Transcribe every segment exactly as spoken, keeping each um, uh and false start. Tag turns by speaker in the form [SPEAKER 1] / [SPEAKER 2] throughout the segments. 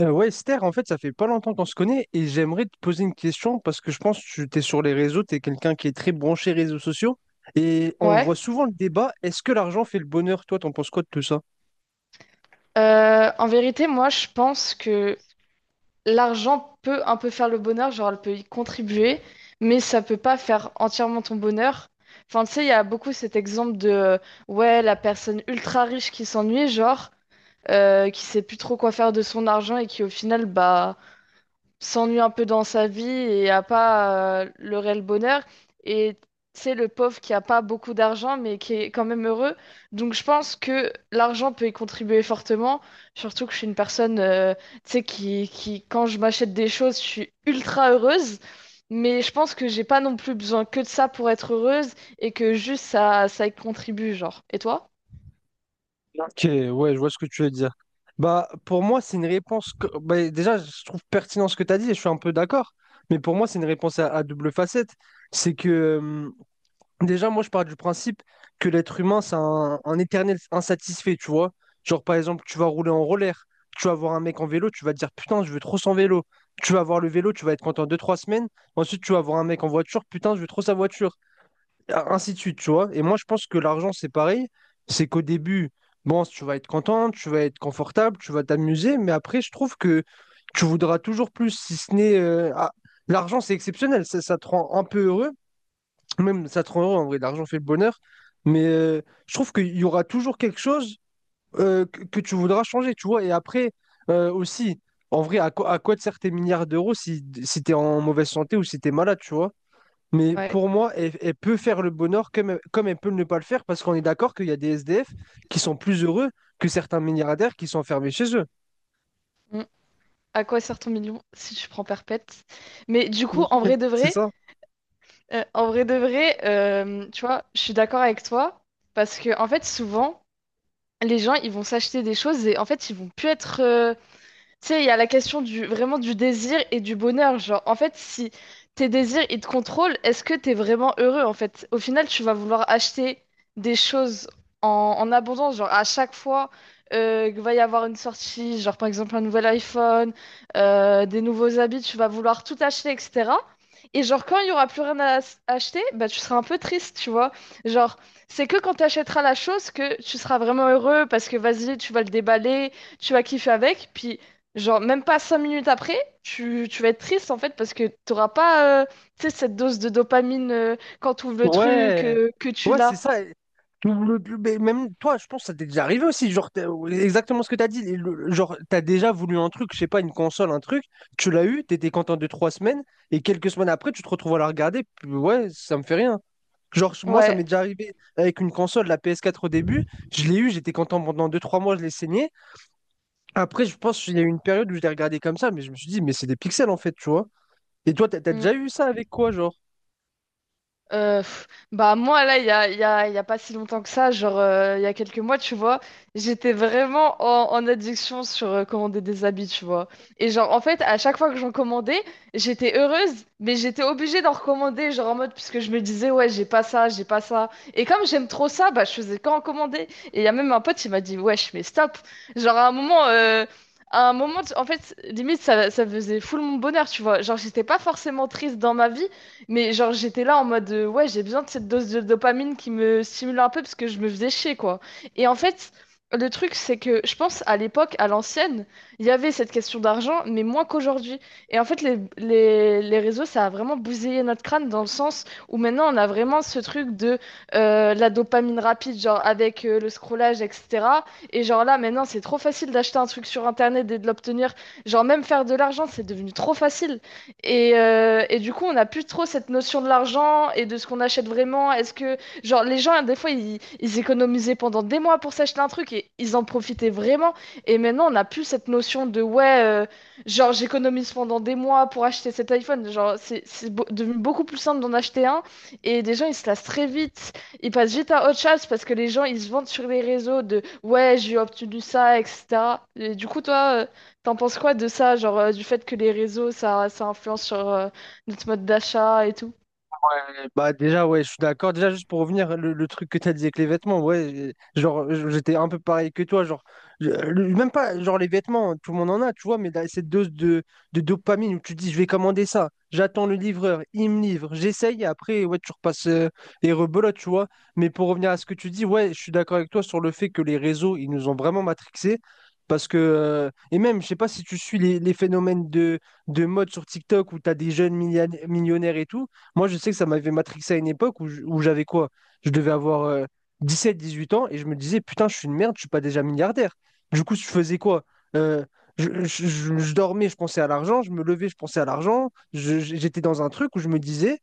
[SPEAKER 1] Euh, ouais, Esther, en fait, ça fait pas longtemps qu'on se connaît et j'aimerais te poser une question parce que je pense que tu es sur les réseaux, tu es quelqu'un qui est très branché réseaux sociaux et on voit
[SPEAKER 2] Ouais.
[SPEAKER 1] souvent le débat, est-ce que l'argent fait le bonheur? Toi, t'en penses quoi de tout ça?
[SPEAKER 2] Euh, en vérité, moi, je pense que l'argent peut un peu faire le bonheur, genre elle peut y contribuer, mais ça peut pas faire entièrement ton bonheur. Enfin, tu sais, il y a beaucoup cet exemple de, euh, ouais, la personne ultra riche qui s'ennuie, genre, euh, qui sait plus trop quoi faire de son argent et qui au final, bah, s'ennuie un peu dans sa vie et a pas euh, le réel bonheur. Et c'est le pauvre qui a pas beaucoup d'argent, mais qui est quand même heureux. Donc je pense que l'argent peut y contribuer fortement. Surtout que je suis une personne, euh, tu sais, qui, qui, quand je m'achète des choses, je suis ultra heureuse. Mais je pense que j'ai pas non plus besoin que de ça pour être heureuse et que juste ça, ça y contribue, genre. Et toi?
[SPEAKER 1] Ok, ouais, je vois ce que tu veux dire. Bah, pour moi, c'est une réponse que... bah, déjà, je trouve pertinent ce que tu as dit et je suis un peu d'accord, mais pour moi, c'est une réponse à, à double facette. C'est que déjà, moi, je pars du principe que l'être humain, c'est un, un éternel insatisfait, tu vois. Genre, par exemple, tu vas rouler en roller, tu vas voir un mec en vélo, tu vas te dire, putain, je veux trop son vélo. Tu vas voir le vélo, tu vas être content deux, trois semaines. Ensuite, tu vas voir un mec en voiture, putain, je veux trop sa voiture. Et ainsi de suite, tu vois. Et moi, je pense que l'argent, c'est pareil. C'est qu'au début, bon, tu vas être content, tu vas être confortable, tu vas t'amuser. Mais après, je trouve que tu voudras toujours plus, si ce n'est... euh, ah, l'argent, c'est exceptionnel, ça ça te rend un peu heureux. Même ça te rend heureux, en vrai, l'argent fait le bonheur. Mais euh, je trouve qu'il y aura toujours quelque chose euh, que, que tu voudras changer, tu vois. Et après, euh, aussi, en vrai, à quoi, à quoi te servent tes milliards d'euros si, si tu es en mauvaise santé ou si tu es malade, tu vois. Mais
[SPEAKER 2] Ouais.
[SPEAKER 1] pour moi, elle, elle peut faire le bonheur comme, elle- comme elle peut ne pas le faire, parce qu'on est d'accord qu'il y a des S D F qui sont plus heureux que certains milliardaires qui sont enfermés chez eux.
[SPEAKER 2] Mm. À quoi sert ton million si tu prends perpète? Mais du coup,
[SPEAKER 1] Oui.
[SPEAKER 2] en vrai de
[SPEAKER 1] C'est
[SPEAKER 2] vrai.
[SPEAKER 1] ça?
[SPEAKER 2] Euh, en vrai de vrai, euh, tu vois, je suis d'accord avec toi parce que en fait, souvent, les gens ils vont s'acheter des choses et en fait, ils vont plus être euh, tu sais, il y a la question du vraiment du désir et du bonheur. Genre, en fait, si tes désirs ils te contrôlent, est-ce que t'es vraiment heureux en fait? Au final, tu vas vouloir acheter des choses en, en abondance. Genre, à chaque fois euh, qu'il va y avoir une sortie, genre par exemple un nouvel iPhone, euh, des nouveaux habits, tu vas vouloir tout acheter, et cetera. Et genre, quand il y aura plus rien à s- acheter, bah tu seras un peu triste, tu vois. Genre, c'est que quand tu achèteras la chose que tu seras vraiment heureux parce que vas-y, tu vas le déballer, tu vas kiffer avec, puis, genre, même pas cinq minutes après, tu, tu vas être triste en fait parce que t'auras pas euh, tu sais, cette dose de dopamine euh, quand tu ouvres le truc,
[SPEAKER 1] Ouais,
[SPEAKER 2] euh, que tu
[SPEAKER 1] ouais, c'est
[SPEAKER 2] l'as.
[SPEAKER 1] ça. Le- le- mais même toi, je pense que ça t'est déjà arrivé aussi. Genre, t'as- exactement ce que t'as dit. Le- genre, t'as déjà voulu un truc, je sais pas, une console, un truc. Tu l'as eu, t'étais content de trois semaines, et quelques semaines après, tu te retrouves à la regarder. Puis ouais, ça me fait rien. Genre, moi, ça
[SPEAKER 2] Ouais.
[SPEAKER 1] m'est déjà arrivé avec une console, la P S quatre au début. Je l'ai eu, j'étais content pendant deux, trois mois, je l'ai saigné. Après, je pense qu'il y a eu une période où je l'ai regardé comme ça, mais je me suis dit, mais c'est des pixels en fait, tu vois. Et toi, t'as t'as
[SPEAKER 2] Mm.
[SPEAKER 1] déjà eu ça avec quoi, genre?
[SPEAKER 2] Euh, pff, bah moi là il y a, il y a, il y a pas si longtemps que ça genre euh, il y a quelques mois tu vois j'étais vraiment en, en addiction sur euh, commander des habits tu vois et genre en fait à chaque fois que j'en commandais j'étais heureuse mais j'étais obligée d'en recommander genre en mode puisque je me disais ouais j'ai pas ça j'ai pas ça et comme j'aime trop ça bah je faisais qu'en commander et il y a même un pote il m'a dit wesh mais stop genre à un moment euh, à un moment, tu- en fait, limite, ça, ça faisait full mon bonheur, tu vois. Genre, j'étais pas forcément triste dans ma vie, mais genre, j'étais là en mode, euh, ouais, j'ai besoin de cette dose de dopamine qui me stimule un peu parce que je me faisais chier, quoi. Et en fait, le truc, c'est que je pense à l'époque, à l'ancienne, il y avait cette question d'argent, mais moins qu'aujourd'hui. Et en fait, les, les, les réseaux, ça a vraiment bousillé notre crâne dans le sens où maintenant, on a vraiment ce truc de euh, la dopamine rapide, genre avec euh, le scrollage, et cetera. Et genre là, maintenant, c'est trop facile d'acheter un truc sur Internet et de l'obtenir. Genre, même faire de l'argent, c'est devenu trop facile. Et, euh, et du coup, on n'a plus trop cette notion de l'argent et de ce qu'on achète vraiment. Est-ce que, genre, les gens, des fois, ils, ils économisaient pendant des mois pour s'acheter un truc et ils en profitaient vraiment. Et maintenant, on n'a plus cette notion de, ouais, euh, genre, j'économise pendant des mois pour acheter cet iPhone. Genre, c'est, c'est beau- devenu beaucoup plus simple d'en acheter un. Et des gens, ils se lassent très vite. Ils passent vite à autre chose parce que les gens, ils se vendent sur les réseaux de, ouais, j'ai obtenu ça, et cetera. Et du coup, toi, euh, t'en penses quoi de ça, genre euh, du fait que les réseaux, ça, ça influence sur euh, notre mode d'achat et tout?
[SPEAKER 1] Bah déjà ouais je suis d'accord déjà juste pour revenir le, le truc que t'as dit avec les vêtements ouais j'ai- genre j- j'étais un peu pareil que toi genre je- le- même pas genre les vêtements tout le monde en a tu vois mais là, cette dose de, de dopamine où tu te dis je vais commander ça j'attends le livreur il me livre j'essaye et après ouais tu repasses euh, et rebelote tu vois mais pour revenir à ce que tu dis ouais je suis d'accord avec toi sur le fait que les réseaux ils nous ont vraiment matrixés parce que euh, et même je sais pas si tu suis les, les phénomènes de, de mode sur TikTok où t'as des jeunes million- millionnaires et tout moi, je sais que ça m'avait matrixé à une époque où je- où j'avais quoi? Je devais avoir euh, dix-sept, dix-huit ans et je me disais, putain, je suis une merde, je suis pas déjà milliardaire. Du coup, je faisais quoi? Euh, je, je- je- je dormais, je pensais à l'argent, je me levais, je pensais à l'argent. Je- j'étais dans un truc où je me disais,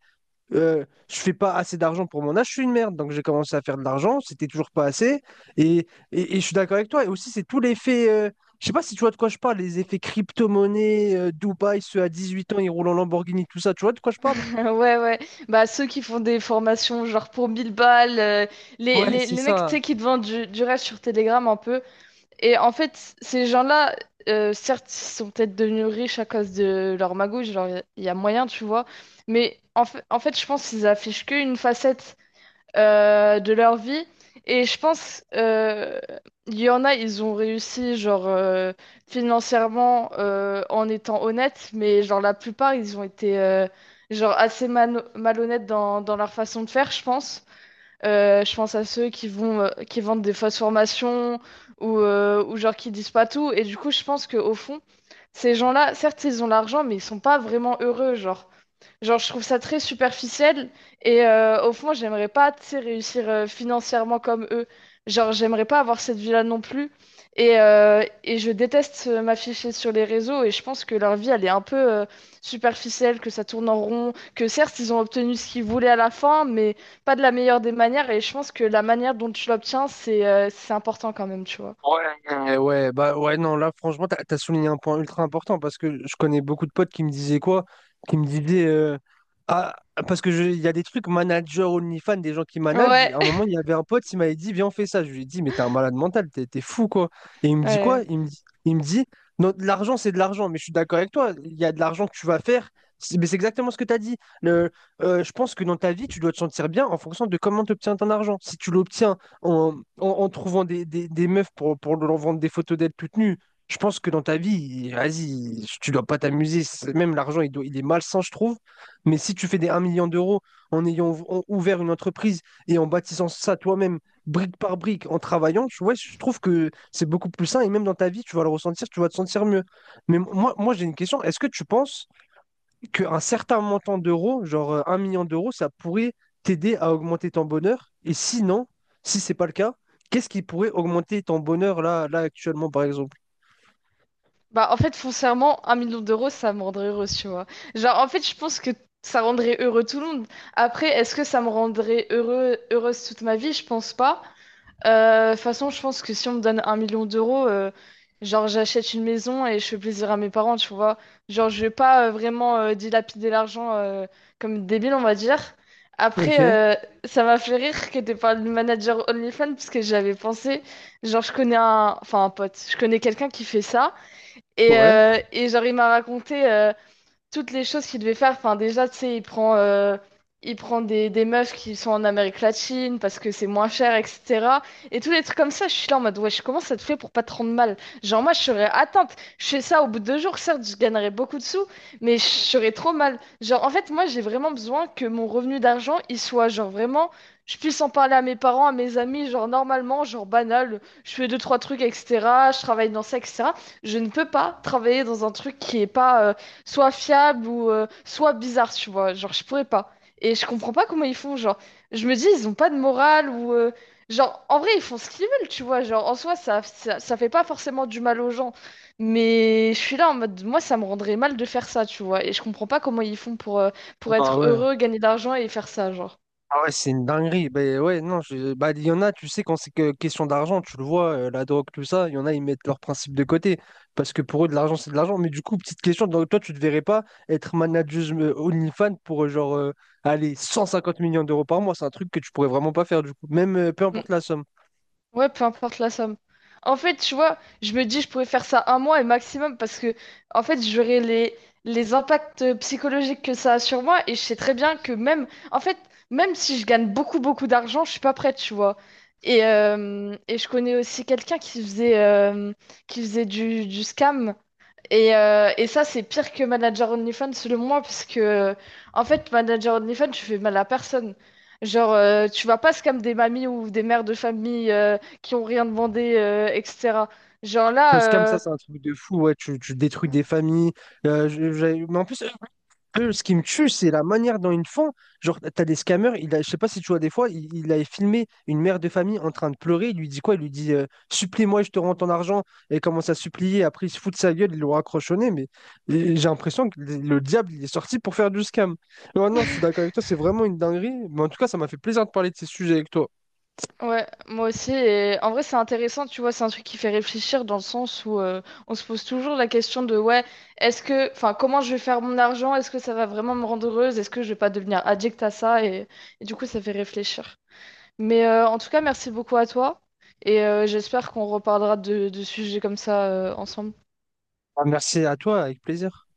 [SPEAKER 1] euh, je fais pas assez d'argent pour mon âge, je suis une merde. Donc, j'ai commencé à faire de l'argent, c'était toujours pas assez. Et, et- et je suis d'accord avec toi. Et aussi, c'est tous les faits. Euh, je sais pas si tu vois de quoi je parle, les effets crypto-monnaie, euh, Dubaï, ceux à dix-huit ans, ils roulent en Lamborghini, tout ça. Tu vois de quoi je parle?
[SPEAKER 2] Ouais, ouais. Bah, ceux qui font des formations genre pour mille balles, euh, les,
[SPEAKER 1] Ouais,
[SPEAKER 2] les,
[SPEAKER 1] c'est
[SPEAKER 2] les mecs, tu
[SPEAKER 1] ça.
[SPEAKER 2] sais, qui te vendent du, du rêve sur Telegram un peu. Et en fait, ces gens-là, euh, certes, ils sont peut-être devenus riches à cause de leur magouille, genre, il y, a y a moyen, tu vois. Mais en fait, en fait, je pense qu'ils affichent qu'une facette euh, de leur vie. Et je pense, euh, il y en a, ils ont réussi, genre, euh, financièrement, euh, en étant honnêtes, mais genre, la plupart, ils ont été, euh, genre, assez mano- malhonnêtes dans, dans leur façon de faire, je pense. Euh, je pense à ceux qui vont, euh, qui vendent des fausses formations ou, euh, ou genre qui disent pas tout. Et du coup, je pense que au fond, ces gens-là, certes, ils ont l'argent, mais ils sont pas vraiment heureux. Genre, genre je trouve ça très superficiel. Et euh, au fond, j'aimerais pas, tu sais, réussir euh, financièrement comme eux. Genre, j'aimerais pas avoir cette vie-là non plus. Et, euh, et je déteste euh, m'afficher sur les réseaux. Et je pense que leur vie, elle est un peu euh, superficielle, que ça tourne en rond, que certes, ils ont obtenu ce qu'ils voulaient à la fin, mais pas de la meilleure des manières et je pense que la manière dont tu l'obtiens, c'est euh, c'est important quand même, tu vois.
[SPEAKER 1] Ouais, ouais, bah ouais, non, là, franchement, t'as, t'as souligné un point ultra important parce que je connais beaucoup de potes qui me disaient quoi? Qui me disaient, euh, ah, parce que je- il y a des trucs manager OnlyFans, des gens qui managent.
[SPEAKER 2] Ouais.
[SPEAKER 1] À un moment, il y avait un pote, il m'avait dit, viens, on fait ça. Je lui ai dit, mais t'es un malade mental, t'es, t'es fou, quoi. Et il me dit quoi?
[SPEAKER 2] Ouais.
[SPEAKER 1] Il me dit, il me dit, non, de l'argent, c'est de l'argent, mais je suis d'accord avec toi, il y a de l'argent que tu vas faire. C'est- Mais c'est exactement ce que tu as dit. Le, euh, je pense que dans ta vie, tu dois te sentir bien en fonction de comment tu obtiens ton argent. Si tu l'obtiens en, en- en trouvant des, des- des meufs pour, pour leur vendre des photos d'elles toutes nues. Je pense que dans ta vie, vas-y, tu dois pas t'amuser. C'est- Même l'argent, il doit- il est malsain, je trouve. Mais si tu fais des un million d'euros en ayant ouv- en- ouvert une entreprise et en bâtissant ça toi-même, brique par brique, en travaillant, tu vois, je trouve que c'est beaucoup plus sain. Et même dans ta vie, tu vas le ressentir, tu vas te sentir mieux. Mais moi, moi j'ai une question. Est-ce que tu penses qu'un certain montant d'euros, genre euh, un million d'euros, ça pourrait t'aider à augmenter ton bonheur. Et sinon, si c'est pas le cas, qu'est-ce qui pourrait augmenter ton bonheur là, là actuellement, par exemple?
[SPEAKER 2] Bah, en fait, foncièrement, un million d'euros, ça me rendrait heureuse, tu vois. Genre, en fait, je pense que ça rendrait heureux tout le monde. Après, est-ce que ça me rendrait heureux, heureuse toute ma vie? Je pense pas. Euh, De toute façon, je pense que si on me donne un million d'euros, euh, genre j'achète une maison et je fais plaisir à mes parents, tu vois. Genre je vais pas euh, vraiment euh, dilapider l'argent euh, comme une débile, on va dire.
[SPEAKER 1] Ok,
[SPEAKER 2] Après, euh, ça m'a fait rire que t'aies parlé du manager OnlyFans parce que j'avais pensé, genre je connais un, enfin un pote, je connais quelqu'un qui fait ça et,
[SPEAKER 1] ouais.
[SPEAKER 2] euh, et genre il m'a raconté, euh, toutes les choses qu'il devait faire. Enfin, déjà, tu sais, il prend, euh, il prend des, des meufs qui sont en Amérique latine parce que c'est moins cher, et cetera. Et tous les trucs comme ça, je suis là en mode, wesh, comment ça te fait pour pas te rendre mal? Genre, moi, je serais atteinte. Je fais ça au bout de deux jours, certes, je gagnerais beaucoup de sous, mais je serais trop mal. Genre, en fait, moi, j'ai vraiment besoin que mon revenu d'argent, il soit, genre, vraiment, je puisse en parler à mes parents, à mes amis, genre, normalement, genre, banal. Je fais deux, trois trucs, et cetera. Je travaille dans ça, et cetera. Je ne peux pas travailler dans un truc qui est pas, euh, soit fiable ou euh, soit bizarre, tu vois. Genre, je pourrais pas. Et je comprends pas comment ils font. Genre, je me dis, ils ont pas de morale ou, euh, genre, en vrai, ils font ce qu'ils veulent, tu vois. Genre, en soi, ça, ça, ça fait pas forcément du mal aux gens. Mais je suis là en mode, moi, ça me rendrait mal de faire ça, tu vois. Et je comprends pas comment ils font pour, euh, pour
[SPEAKER 1] Bah
[SPEAKER 2] être
[SPEAKER 1] ouais.
[SPEAKER 2] heureux, gagner de l'argent et faire ça, genre.
[SPEAKER 1] Ah ouais, c'est une dinguerie. Ben ouais, non, je- bah, il y en a, tu sais, quand c'est que question d'argent, tu le vois, euh, la drogue, tout ça, il y en a, ils mettent leurs principes de côté. Parce que pour eux, de l'argent, c'est de l'argent. Mais du coup, petite question, donc toi, tu te verrais pas être manager euh, OnlyFans pour euh, genre euh, allez, cent cinquante millions d'euros par mois. C'est un truc que tu pourrais vraiment pas faire, du coup. Même euh, Peu importe la somme.
[SPEAKER 2] Ouais, peu importe la somme. En fait, tu vois, je me dis, je pourrais faire ça un mois et maximum parce que, en fait, j'aurais les, les impacts psychologiques que ça a sur moi et je sais très bien que même, en fait, même si je gagne beaucoup, beaucoup d'argent, je suis pas prête, tu vois. Et, euh, et je connais aussi quelqu'un qui faisait, euh, qui faisait du, du scam. Et, euh, et ça, c'est pire que Manager OnlyFans, selon moi, parce que, en fait, Manager OnlyFans, tu fais mal à personne. Genre, euh, tu vas pas scam des mamies ou des mères de famille euh, qui ont rien demandé, euh, et cetera. Genre
[SPEAKER 1] Le scam,
[SPEAKER 2] là,
[SPEAKER 1] ça,
[SPEAKER 2] euh,
[SPEAKER 1] c'est un truc de fou. Ouais, tu, tu détruis des familles. Euh, je- j'ai- mais en plus, peu, ce qui me tue, c'est la manière dont ils font. Genre, t'as des scammers, il a, je sais pas si tu vois des fois, il, il avait filmé une mère de famille en train de pleurer. Il lui dit quoi? Il lui dit euh, Supplie-moi, je te rends ton argent. Et il commence à supplier. Après, il se fout de sa gueule, il l'aura raccrochonné. Mais et j'ai l'impression que le le diable, il est sorti pour faire du scam. Non, non, je suis d'accord avec toi, c'est vraiment une dinguerie. Mais en tout cas, ça m'a fait plaisir de parler de ces sujets avec toi.
[SPEAKER 2] ouais, moi aussi. Et en vrai, c'est intéressant, tu vois, c'est un truc qui fait réfléchir dans le sens où euh, on se pose toujours la question de, ouais, est-ce que, enfin, comment je vais faire mon argent? Est-ce que ça va vraiment me rendre heureuse? Est-ce que je vais pas devenir addict à ça? Et, et du coup, ça fait réfléchir. Mais euh, en tout cas, merci beaucoup à toi et euh, j'espère qu'on reparlera de, de sujets comme ça euh, ensemble.
[SPEAKER 1] Ah, merci à toi, avec plaisir.